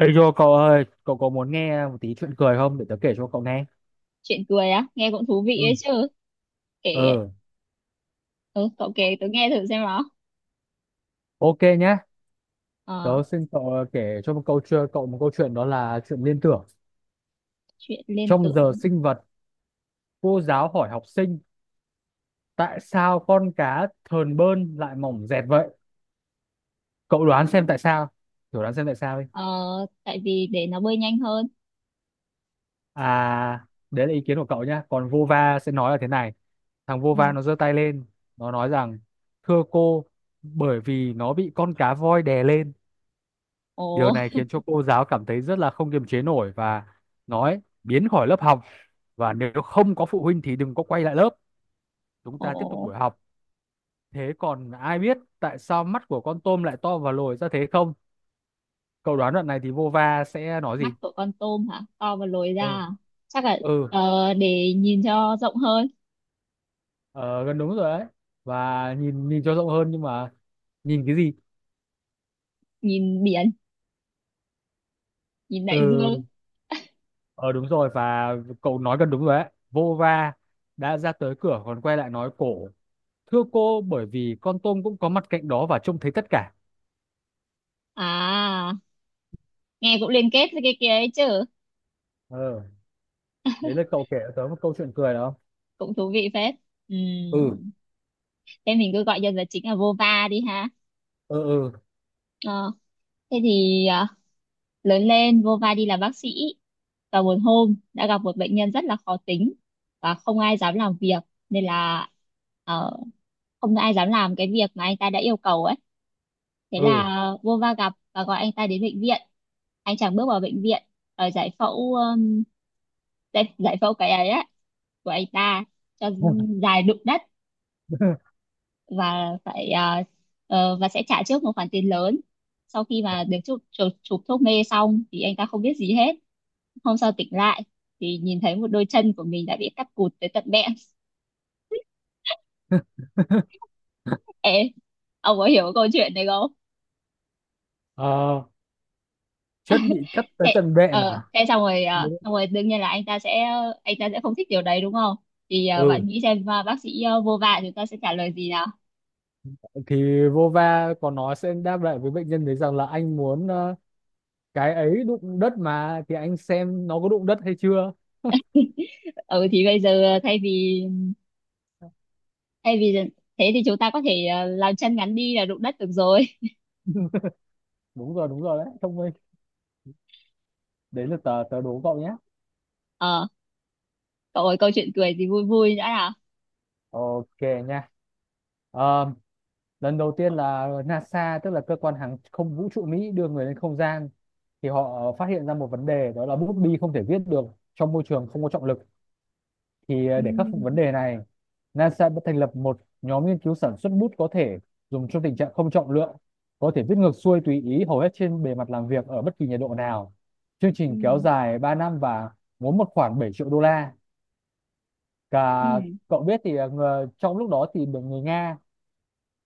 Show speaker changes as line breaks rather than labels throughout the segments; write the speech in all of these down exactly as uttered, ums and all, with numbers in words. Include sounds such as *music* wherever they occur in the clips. Ê Yo cậu ơi, cậu có muốn nghe một tí chuyện cười không để tớ kể cho cậu nghe?
Chuyện cười á, nghe cũng thú vị
Ừ.
ấy chứ. Kể.
Ừ,
Ừ, cậu kể tớ nghe thử xem nào.
ok nhá.
ờ,
Tớ xin cậu ờ, kể cho một câu chuyện, cậu một câu chuyện đó là chuyện liên tưởng.
Chuyện liên
Trong
tưởng.
giờ sinh vật, cô giáo hỏi học sinh tại sao con cá thờn bơn lại mỏng dẹt vậy? Cậu đoán xem tại sao? Thử đoán xem tại sao đi.
ờ, Tại vì để nó bơi nhanh hơn.
À, đấy là ý kiến của cậu nhá. Còn Vova sẽ nói là thế này. Thằng
Ừ.
Vova nó giơ tay lên, nó nói rằng thưa cô, bởi vì nó bị con cá voi đè lên.
Ồ.
Điều này khiến cho cô giáo cảm thấy rất là không kiềm chế nổi và nói biến khỏi lớp học, và nếu không có phụ huynh thì đừng có quay lại lớp. Chúng
*laughs* Ồ.
ta tiếp tục buổi học. Thế còn ai biết tại sao mắt của con tôm lại to và lồi ra thế không? Cậu đoán đoạn này thì Vova sẽ nói
Mắt
gì?
của con tôm hả? To và lồi ra
Ừ,
à? Chắc là
ừ,
ờ, để nhìn cho rộng hơn.
ờ, gần đúng rồi đấy. Và nhìn nhìn cho rộng hơn, nhưng mà nhìn cái gì?
Nhìn biển. Nhìn đại
Ừ,
dương.
ờ đúng rồi, và cậu nói gần đúng rồi đấy. Vova đã ra tới cửa còn quay lại nói cổ. Thưa cô, bởi vì con tôm cũng có mặt cạnh đó và trông thấy tất cả.
À, nghe cũng liên kết với cái kia ấy chứ.
ờ Đấy là cậu kể cho tớ một câu chuyện cười đó.
Cũng thú vị phết. Ừ.
Ừ,
Thế mình cứ gọi nhân vật chính là Vova đi ha.
ừ,
ờ, Thế thì à, lớn lên vô vai đi làm bác sĩ và một hôm đã gặp một bệnh nhân rất là khó tính và không ai dám làm việc nên là ờ, không ai dám làm cái việc mà anh ta đã yêu cầu ấy. Thế
ừ, ừ.
là vô va gặp và gọi anh ta đến bệnh viện. Anh chàng bước vào bệnh viện ở giải phẫu um, giải, giải phẫu cái ấy á, của anh ta cho dài đụng đất.
*laughs*
Và phải ờ, ờ, và sẽ trả trước một khoản tiền lớn. Sau khi mà được chụp chụp, chụp thuốc mê xong thì anh ta không biết gì hết. Hôm sau tỉnh lại thì nhìn thấy một đôi chân của mình đã bị cắt cụt tới tận bẹn. *laughs* Ê, ông có hiểu cái câu chuyện này không?
Ờ, chân bị cắt tới
Thế,
tận bẹn
ờ,
à?
thế xong rồi, ờ,
Ừ.
xong rồi đương nhiên là anh ta sẽ, anh ta sẽ không thích điều đấy đúng không? Thì ờ,
Ừ,
bạn nghĩ xem ờ, bác sĩ ờ, vô vạ chúng ta sẽ trả lời gì nào?
thì Vova có nói sẽ đáp lại với bệnh nhân đấy rằng là anh muốn ờ, cái ấy đụng đất mà, thì anh xem nó có đụng đất hay chưa.
Ừ thì bây giờ ờ, thay vì, thay vì thế thì chúng ta có thể ờ, làm chân ngắn đi là đụng đất được rồi.
Đúng rồi, đúng rồi đấy, thông minh. Đấy là tớ tớ đố cậu nhé.
Ờ, cậu ơi câu chuyện cười thì vui vui đã nào?
Ok nha. Ờ, Lần đầu tiên là NASA, tức là cơ quan hàng không vũ trụ Mỹ, đưa người lên không gian thì họ phát hiện ra một vấn đề, đó là bút bi không thể viết được trong môi trường không có trọng lực. Thì ờ,
Ừ,
để khắc phục vấn đề này, NASA đã thành lập một nhóm nghiên cứu sản xuất bút có thể dùng trong tình trạng không trọng lượng, có thể viết ngược xuôi tùy ý hầu hết trên bề mặt làm việc ở bất kỳ nhiệt độ nào. Chương trình kéo
ừ,
dài ba năm và muốn một khoảng bảy triệu đô la cả.
ừ,
Cậu biết thì ờ, ngờ- trong lúc đó thì được người Nga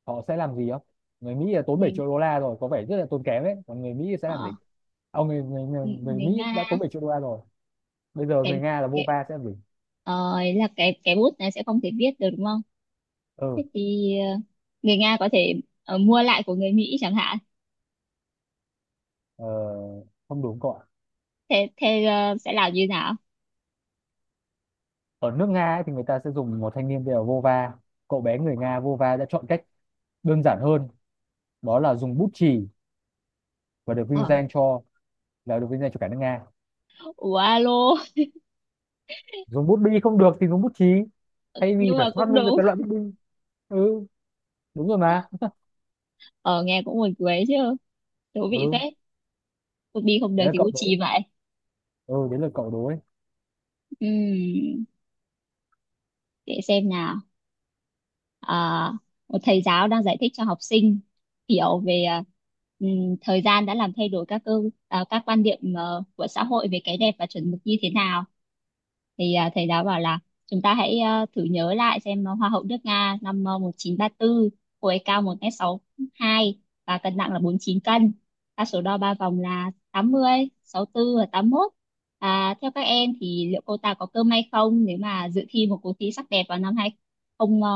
họ sẽ làm gì không? Người Mỹ là tốn
ừ.
bảy triệu đô la rồi, có vẻ rất là tốn kém ấy, còn người Mỹ sẽ làm gì?
Ờ.
Ông người, người, người,
người
người
Người
Mỹ đã
Nga.
tốn bảy triệu đô la rồi, bây giờ người
cái
Nga là vô
cái
va sẽ làm gì?
ờ, ý là cái cái bút này sẽ không thể viết được đúng không? Thế
Ừ,
thì ờ, người Nga có thể ờ, mua lại của người Mỹ chẳng hạn.
ờ, không đúng cậu ạ.
Thế thế ờ, sẽ làm như nào?
Ở nước Nga ấy, thì người ta sẽ dùng một thanh niên tên là vô va. Cậu bé người Nga vô va đã chọn cách đơn giản hơn, đó là dùng bút chì, và được vinh
ờ,
danh cho, là được vinh danh cho cả nước Nga.
Ủa alo. *laughs*
Dùng bút bi không được thì dùng bút chì, thay vì
Nhưng
phải
mà
phát
cũng
minh ra
đúng.
cái loại bút bi. Ừ, đúng rồi mà.
Ờ, nghe cũng buồn cười chứ. Thú vị phết.
Ừ,
Cũng đi không được
đấy là
thì
cậu
cũng
đối.
chì vậy.
Ừ, đấy là cậu đối.
Ừm, để xem nào. À, một thầy giáo đang giải thích cho học sinh hiểu về à, ừm, thời gian đã làm thay đổi các cơ, à, các quan điểm ờ, của xã hội về cái đẹp và chuẩn mực như thế nào. Thì à, thầy giáo bảo là chúng ta hãy ờ, thử nhớ lại xem ờ, hoa hậu nước Nga năm ờ, một chín ba một chín ba tư, cô ấy cao một mét sáu hai và cân nặng là bốn mươi chín cân. Ta số đo ba vòng là tám mươi tư và tám mươi mốt. À, theo các em thì liệu cô ta có cơ may không nếu mà dự thi một cuộc thi sắc đẹp vào năm hai không ờ,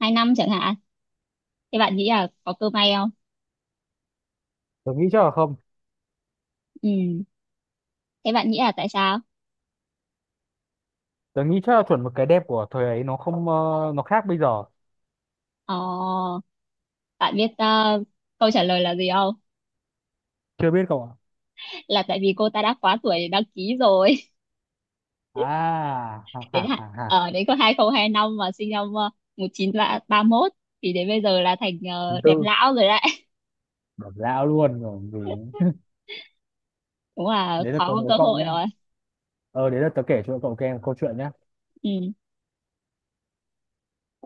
hai năm chẳng hạn? Thế bạn nghĩ là có cơ may không?
Tôi nghĩ chắc là không.
Ừ. Thế bạn nghĩ là tại sao?
Tớ nghĩ chắc là chuẩn một cái đẹp của thời ấy nó không, ờ, nó khác bây giờ.
Ờ. Bạn biết ờ, câu trả lời là gì không?
Chưa biết cậu ạ.
Là tại vì cô ta đã quá tuổi để đăng ký rồi.
À, ha
*laughs*
ha
Đến hạn.
ha ha.
Ở đến có hai không hai năm mà sinh năm ờ, một chín ba mốt thì đến bây giờ là thành
Thứ
ờ, đẹp
tư,
lão rồi đấy.
bỏ dao luôn rồi còn gì nữa.
*laughs* Cũng
*laughs*
là
Đấy là
khó
tớ
có
đố
cơ
cậu
hội
nhé.
rồi.
Ờ, Đấy là tớ kể cho cậu nghe một câu chuyện nhé.
Ừ.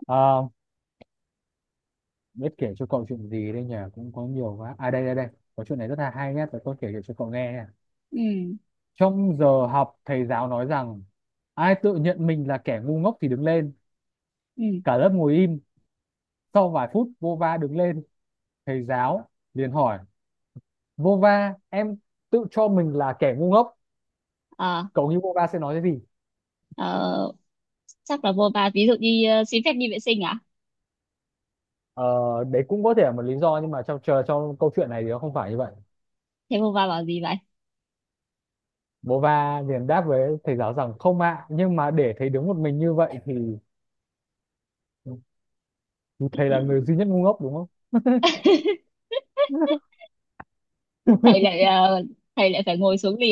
Ờ, Biết kể cho cậu chuyện gì đây nhỉ? Cũng có nhiều quá. À, đây đây đây. Có chuyện này rất là hay nhé. Tớ có kể cho cậu nghe nhé.
Ừ.
Trong giờ học, thầy giáo nói rằng ai tự nhận mình là kẻ ngu ngốc thì đứng lên.
Ừ.
Cả lớp ngồi im. Sau vài phút vô va đứng lên, thầy giáo liền hỏi Vova em tự cho mình là kẻ ngu ngốc,
Ờ.
cậu nghĩ Vova sẽ nói cái gì?
ờ, Chắc là vô va ví dụ đi ờ, xin phép đi vệ sinh à?
ờ, Đấy cũng có thể là một lý do, nhưng mà trong chờ trong câu chuyện này thì nó không phải như vậy.
Thế vô va bảo gì vậy?
Vova liền đáp với thầy giáo rằng không ạ, nhưng mà để thầy đứng một mình như vậy thì thì thầy là người duy nhất ngu ngốc đúng không?
*laughs* Thầy lại ờ, thầy lại phải ngồi xuống liền.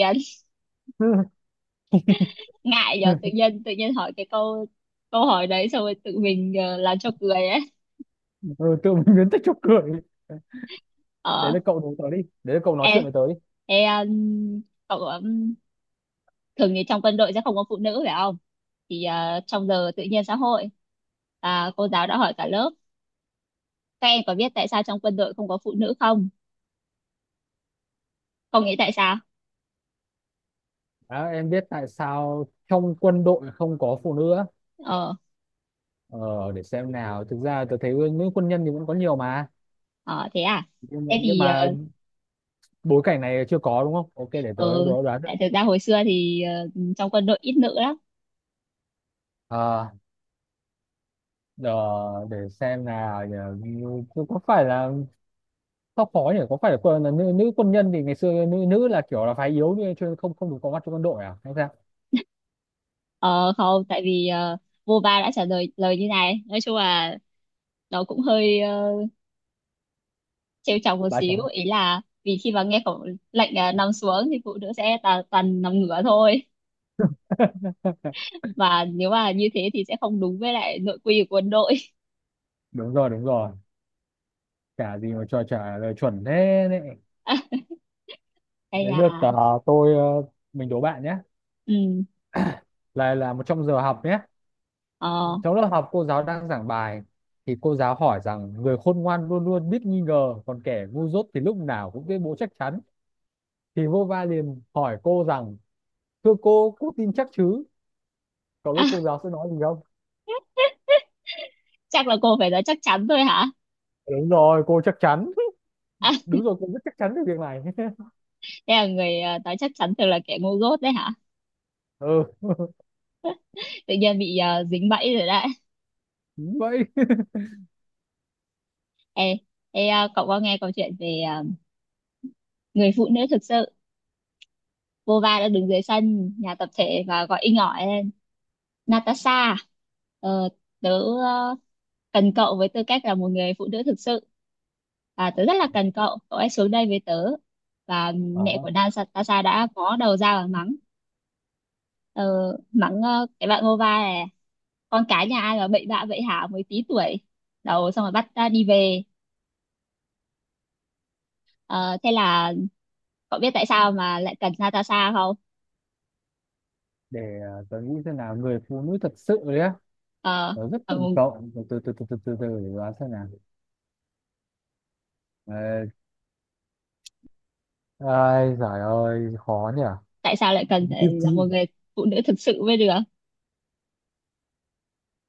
Ngại giờ tự
*laughs*
nhiên tự nhiên hỏi cái câu, câu hỏi đấy xong rồi tự mình ờ, làm cho cười ấy.
Ừ, tự mình biến tích cho cười. Đấy
Ờ.
là cậu nói tớ đi đấy là cậu nói
em
chuyện với tớ đi.
em cậu um, thường thì trong quân đội sẽ không có phụ nữ phải không? Thì ờ, trong giờ tự nhiên xã hội à, cô giáo đã hỏi cả lớp các em có biết tại sao trong quân đội không có phụ nữ không? Không nghĩ tại sao.
Đó, em biết tại sao trong quân đội không có phụ nữ á?
Ờ.
ờ, để xem nào, thực ra tớ thấy nữ quân nhân thì vẫn có nhiều mà,
Ờ thế à.
nhưng mà,
Thế
nhưng
thì
mà
ờ.
bối cảnh này chưa có đúng không, ok để tớ
ờ,
đố đoán được.
Tại thực ra hồi xưa thì ờ, trong quân đội ít nữ lắm.
À, ờ, để xem nào nhờ, có phải là, sao khó nhỉ, có phải là, quân- là nữ, nữ quân nhân thì ngày xưa nữ nữ là kiểu là phái yếu như chưa, không không được có mặt trong quân đội à hay sao?
Ờ không, tại vì ờ, vô ba đã trả lời lời như này. Nói chung là nó cũng hơi ờ, trêu chọc một
Bà
xíu,
chấm.
ý là vì khi mà nghe khẩu lệnh ờ, nằm xuống thì phụ nữ sẽ tà, toàn nằm ngửa thôi.
*laughs*
Và nếu mà như thế thì sẽ không đúng với lại nội quy của quân đội.
Đúng rồi, đúng rồi, chả gì mà cho trả lời chuẩn thế đấy.
*laughs* À, hay
Đấy lượt,
là.
ờ, tôi ờ, mình đố bạn nhé,
Ừ.
là là một trong giờ học nhé.
Ờ.
Trong lớp học cô giáo đang giảng bài, thì cô giáo hỏi rằng người khôn ngoan luôn luôn biết nghi ngờ, còn kẻ ngu dốt thì lúc nào cũng tuyên bố chắc chắn. Thì Vova liền hỏi cô rằng thưa cô cô tin chắc chứ? Cậu biết
À,
cô giáo sẽ nói gì không?
chắc là cô phải nói chắc chắn thôi hả?
Đúng rồi, cô chắc chắn.
À,
*laughs* Đúng rồi, cô rất chắc chắn về việc này. *laughs*
thế là người ờ, nói chắc chắn thường là kẻ ngu dốt đấy hả?
Ừ,
Tự nhiên bị ờ, dính bẫy rồi đấy.
đúng vậy.
Ê. Ê ờ, cậu có nghe câu chuyện về ờ, người phụ nữ thực sự? Vô va đã đứng dưới sân nhà tập thể và gọi inh ỏi Natasha à? ờ, Tớ ờ, cần cậu với tư cách là một người phụ nữ thực sự, và tớ rất là cần cậu, cậu hãy xuống đây với tớ. Và
Ờ,
mẹ của Natasha đã có đầu ra và mắng ờ, mắng ờ, cái bạn Ngova này, con cái nhà ai mà bậy bạ vậy hả, mới tí tuổi đầu xong rồi bắt ta đi về. Ờ, thế là cậu biết tại sao mà lại cần Natasha không?
để ờ, tớ nghĩ xem nào, người phụ nữ thật sự đấy á,
Ờ.
tớ rất
ờ,
cần cậu, từ từ từ từ từ từ, từ để đoán xem nào. Ờ, Ai giời ơi khó nhỉ.
Tại sao lại cần
thì
phải là
thì
một người phụ nữ thực sự mới được,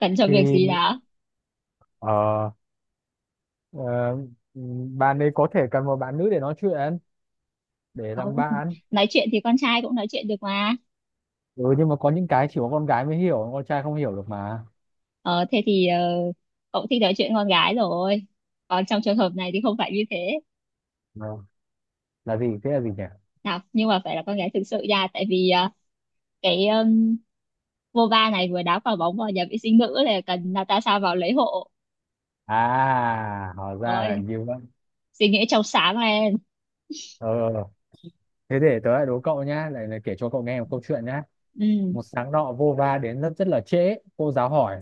cần cho việc gì
thì,
đó?
ờ, ờ, Bạn ấy có thể cần một bạn nữ để nói chuyện, để làm
Không,
bạn.
nói chuyện thì con trai cũng nói chuyện được mà.
Ừ, nhưng mà có những cái chỉ có con gái mới hiểu, con trai không hiểu được mà.
Ờ, thế thì ờ, cậu thích nói chuyện con gái rồi. Còn trong trường hợp này thì không phải như thế.
Ờ, là gì thế, là gì nhỉ?
Nào, nhưng mà phải là con gái thực sự nha. Tại vì ờ, cái um, Vova này vừa đá quả bóng vào nhà vệ sinh nữ là cần Natasha vào lấy hộ.
À, hóa ra là
Rồi,
như vậy.
suy nghĩ trong sáng lên.
ờ Thế để tớ lại đố cậu nhá, lại lại kể cho cậu nghe một câu chuyện nhá.
Ừ,
Một sáng nọ vô va đến rất rất là trễ, cô giáo hỏi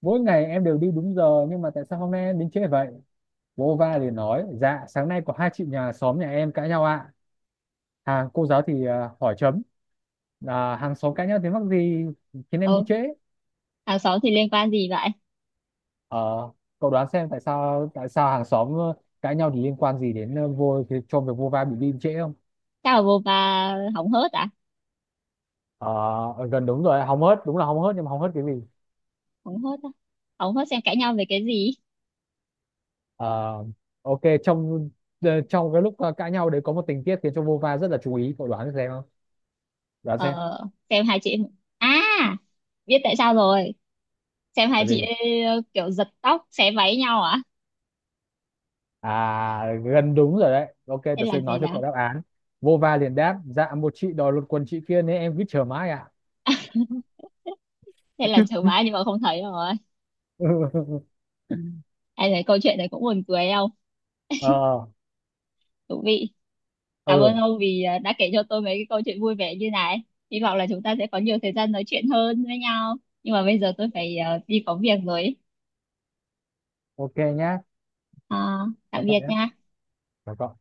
mỗi ngày em đều đi đúng giờ nhưng mà tại sao hôm nay em đến trễ vậy? Vô va liền nói dạ sáng nay có hai chị nhà xóm nhà em cãi nhau ạ. À cô giáo thì à, hỏi chấm, à, hàng xóm cãi nhau tiếng mắc gì khiến em đi
ừ.
trễ?
Hàng xóm thì liên quan gì vậy?
ờ Cậu đoán xem tại sao, tại sao hàng xóm ờ, cãi nhau thì liên quan gì đến ờ, vô cho việc vô va bị đi trễ không?
Chắc là Vova hóng hớt à?
Ờ, gần đúng rồi, hóng hớt đúng là hóng hớt, nhưng mà hóng hớt cái gì?
Hóng hớt à? Hóng hớt xem cãi nhau về cái gì?
Ờ, ok, trong ờ, trong cái lúc ờ, cãi nhau đấy có một tình tiết khiến cho Vova rất là chú ý, cậu đoán xem không? Đoán xem
Ờ, xem hai chị... À, biết tại sao rồi. Xem hai
là
chị
gì.
ấy ờ, kiểu giật tóc xé váy nhau à?
À, gần đúng rồi đấy, ok
Hay
tớ
là
sẽ
gì
nói cho
đó?
cậu đáp án. Vova liền đáp dạ một chị đòi lột quần chị kia nên em cứ chờ mãi ạ.
Hay là chớ vá nhưng mà không thấy rồi?
*laughs*
Ai thấy câu chuyện này cũng buồn cười không?
ờ
Thú vị. Cảm ơn
ừ,
ông vì ờ, đã kể cho tôi mấy cái câu chuyện vui vẻ như này. Hy vọng là chúng ta sẽ có nhiều thời gian nói chuyện hơn với nhau. Nhưng mà bây giờ tôi phải ờ, đi có việc rồi.
ok nhá.
À, tạm
Chào cậu
biệt
nhé,
nha.
chào cậu.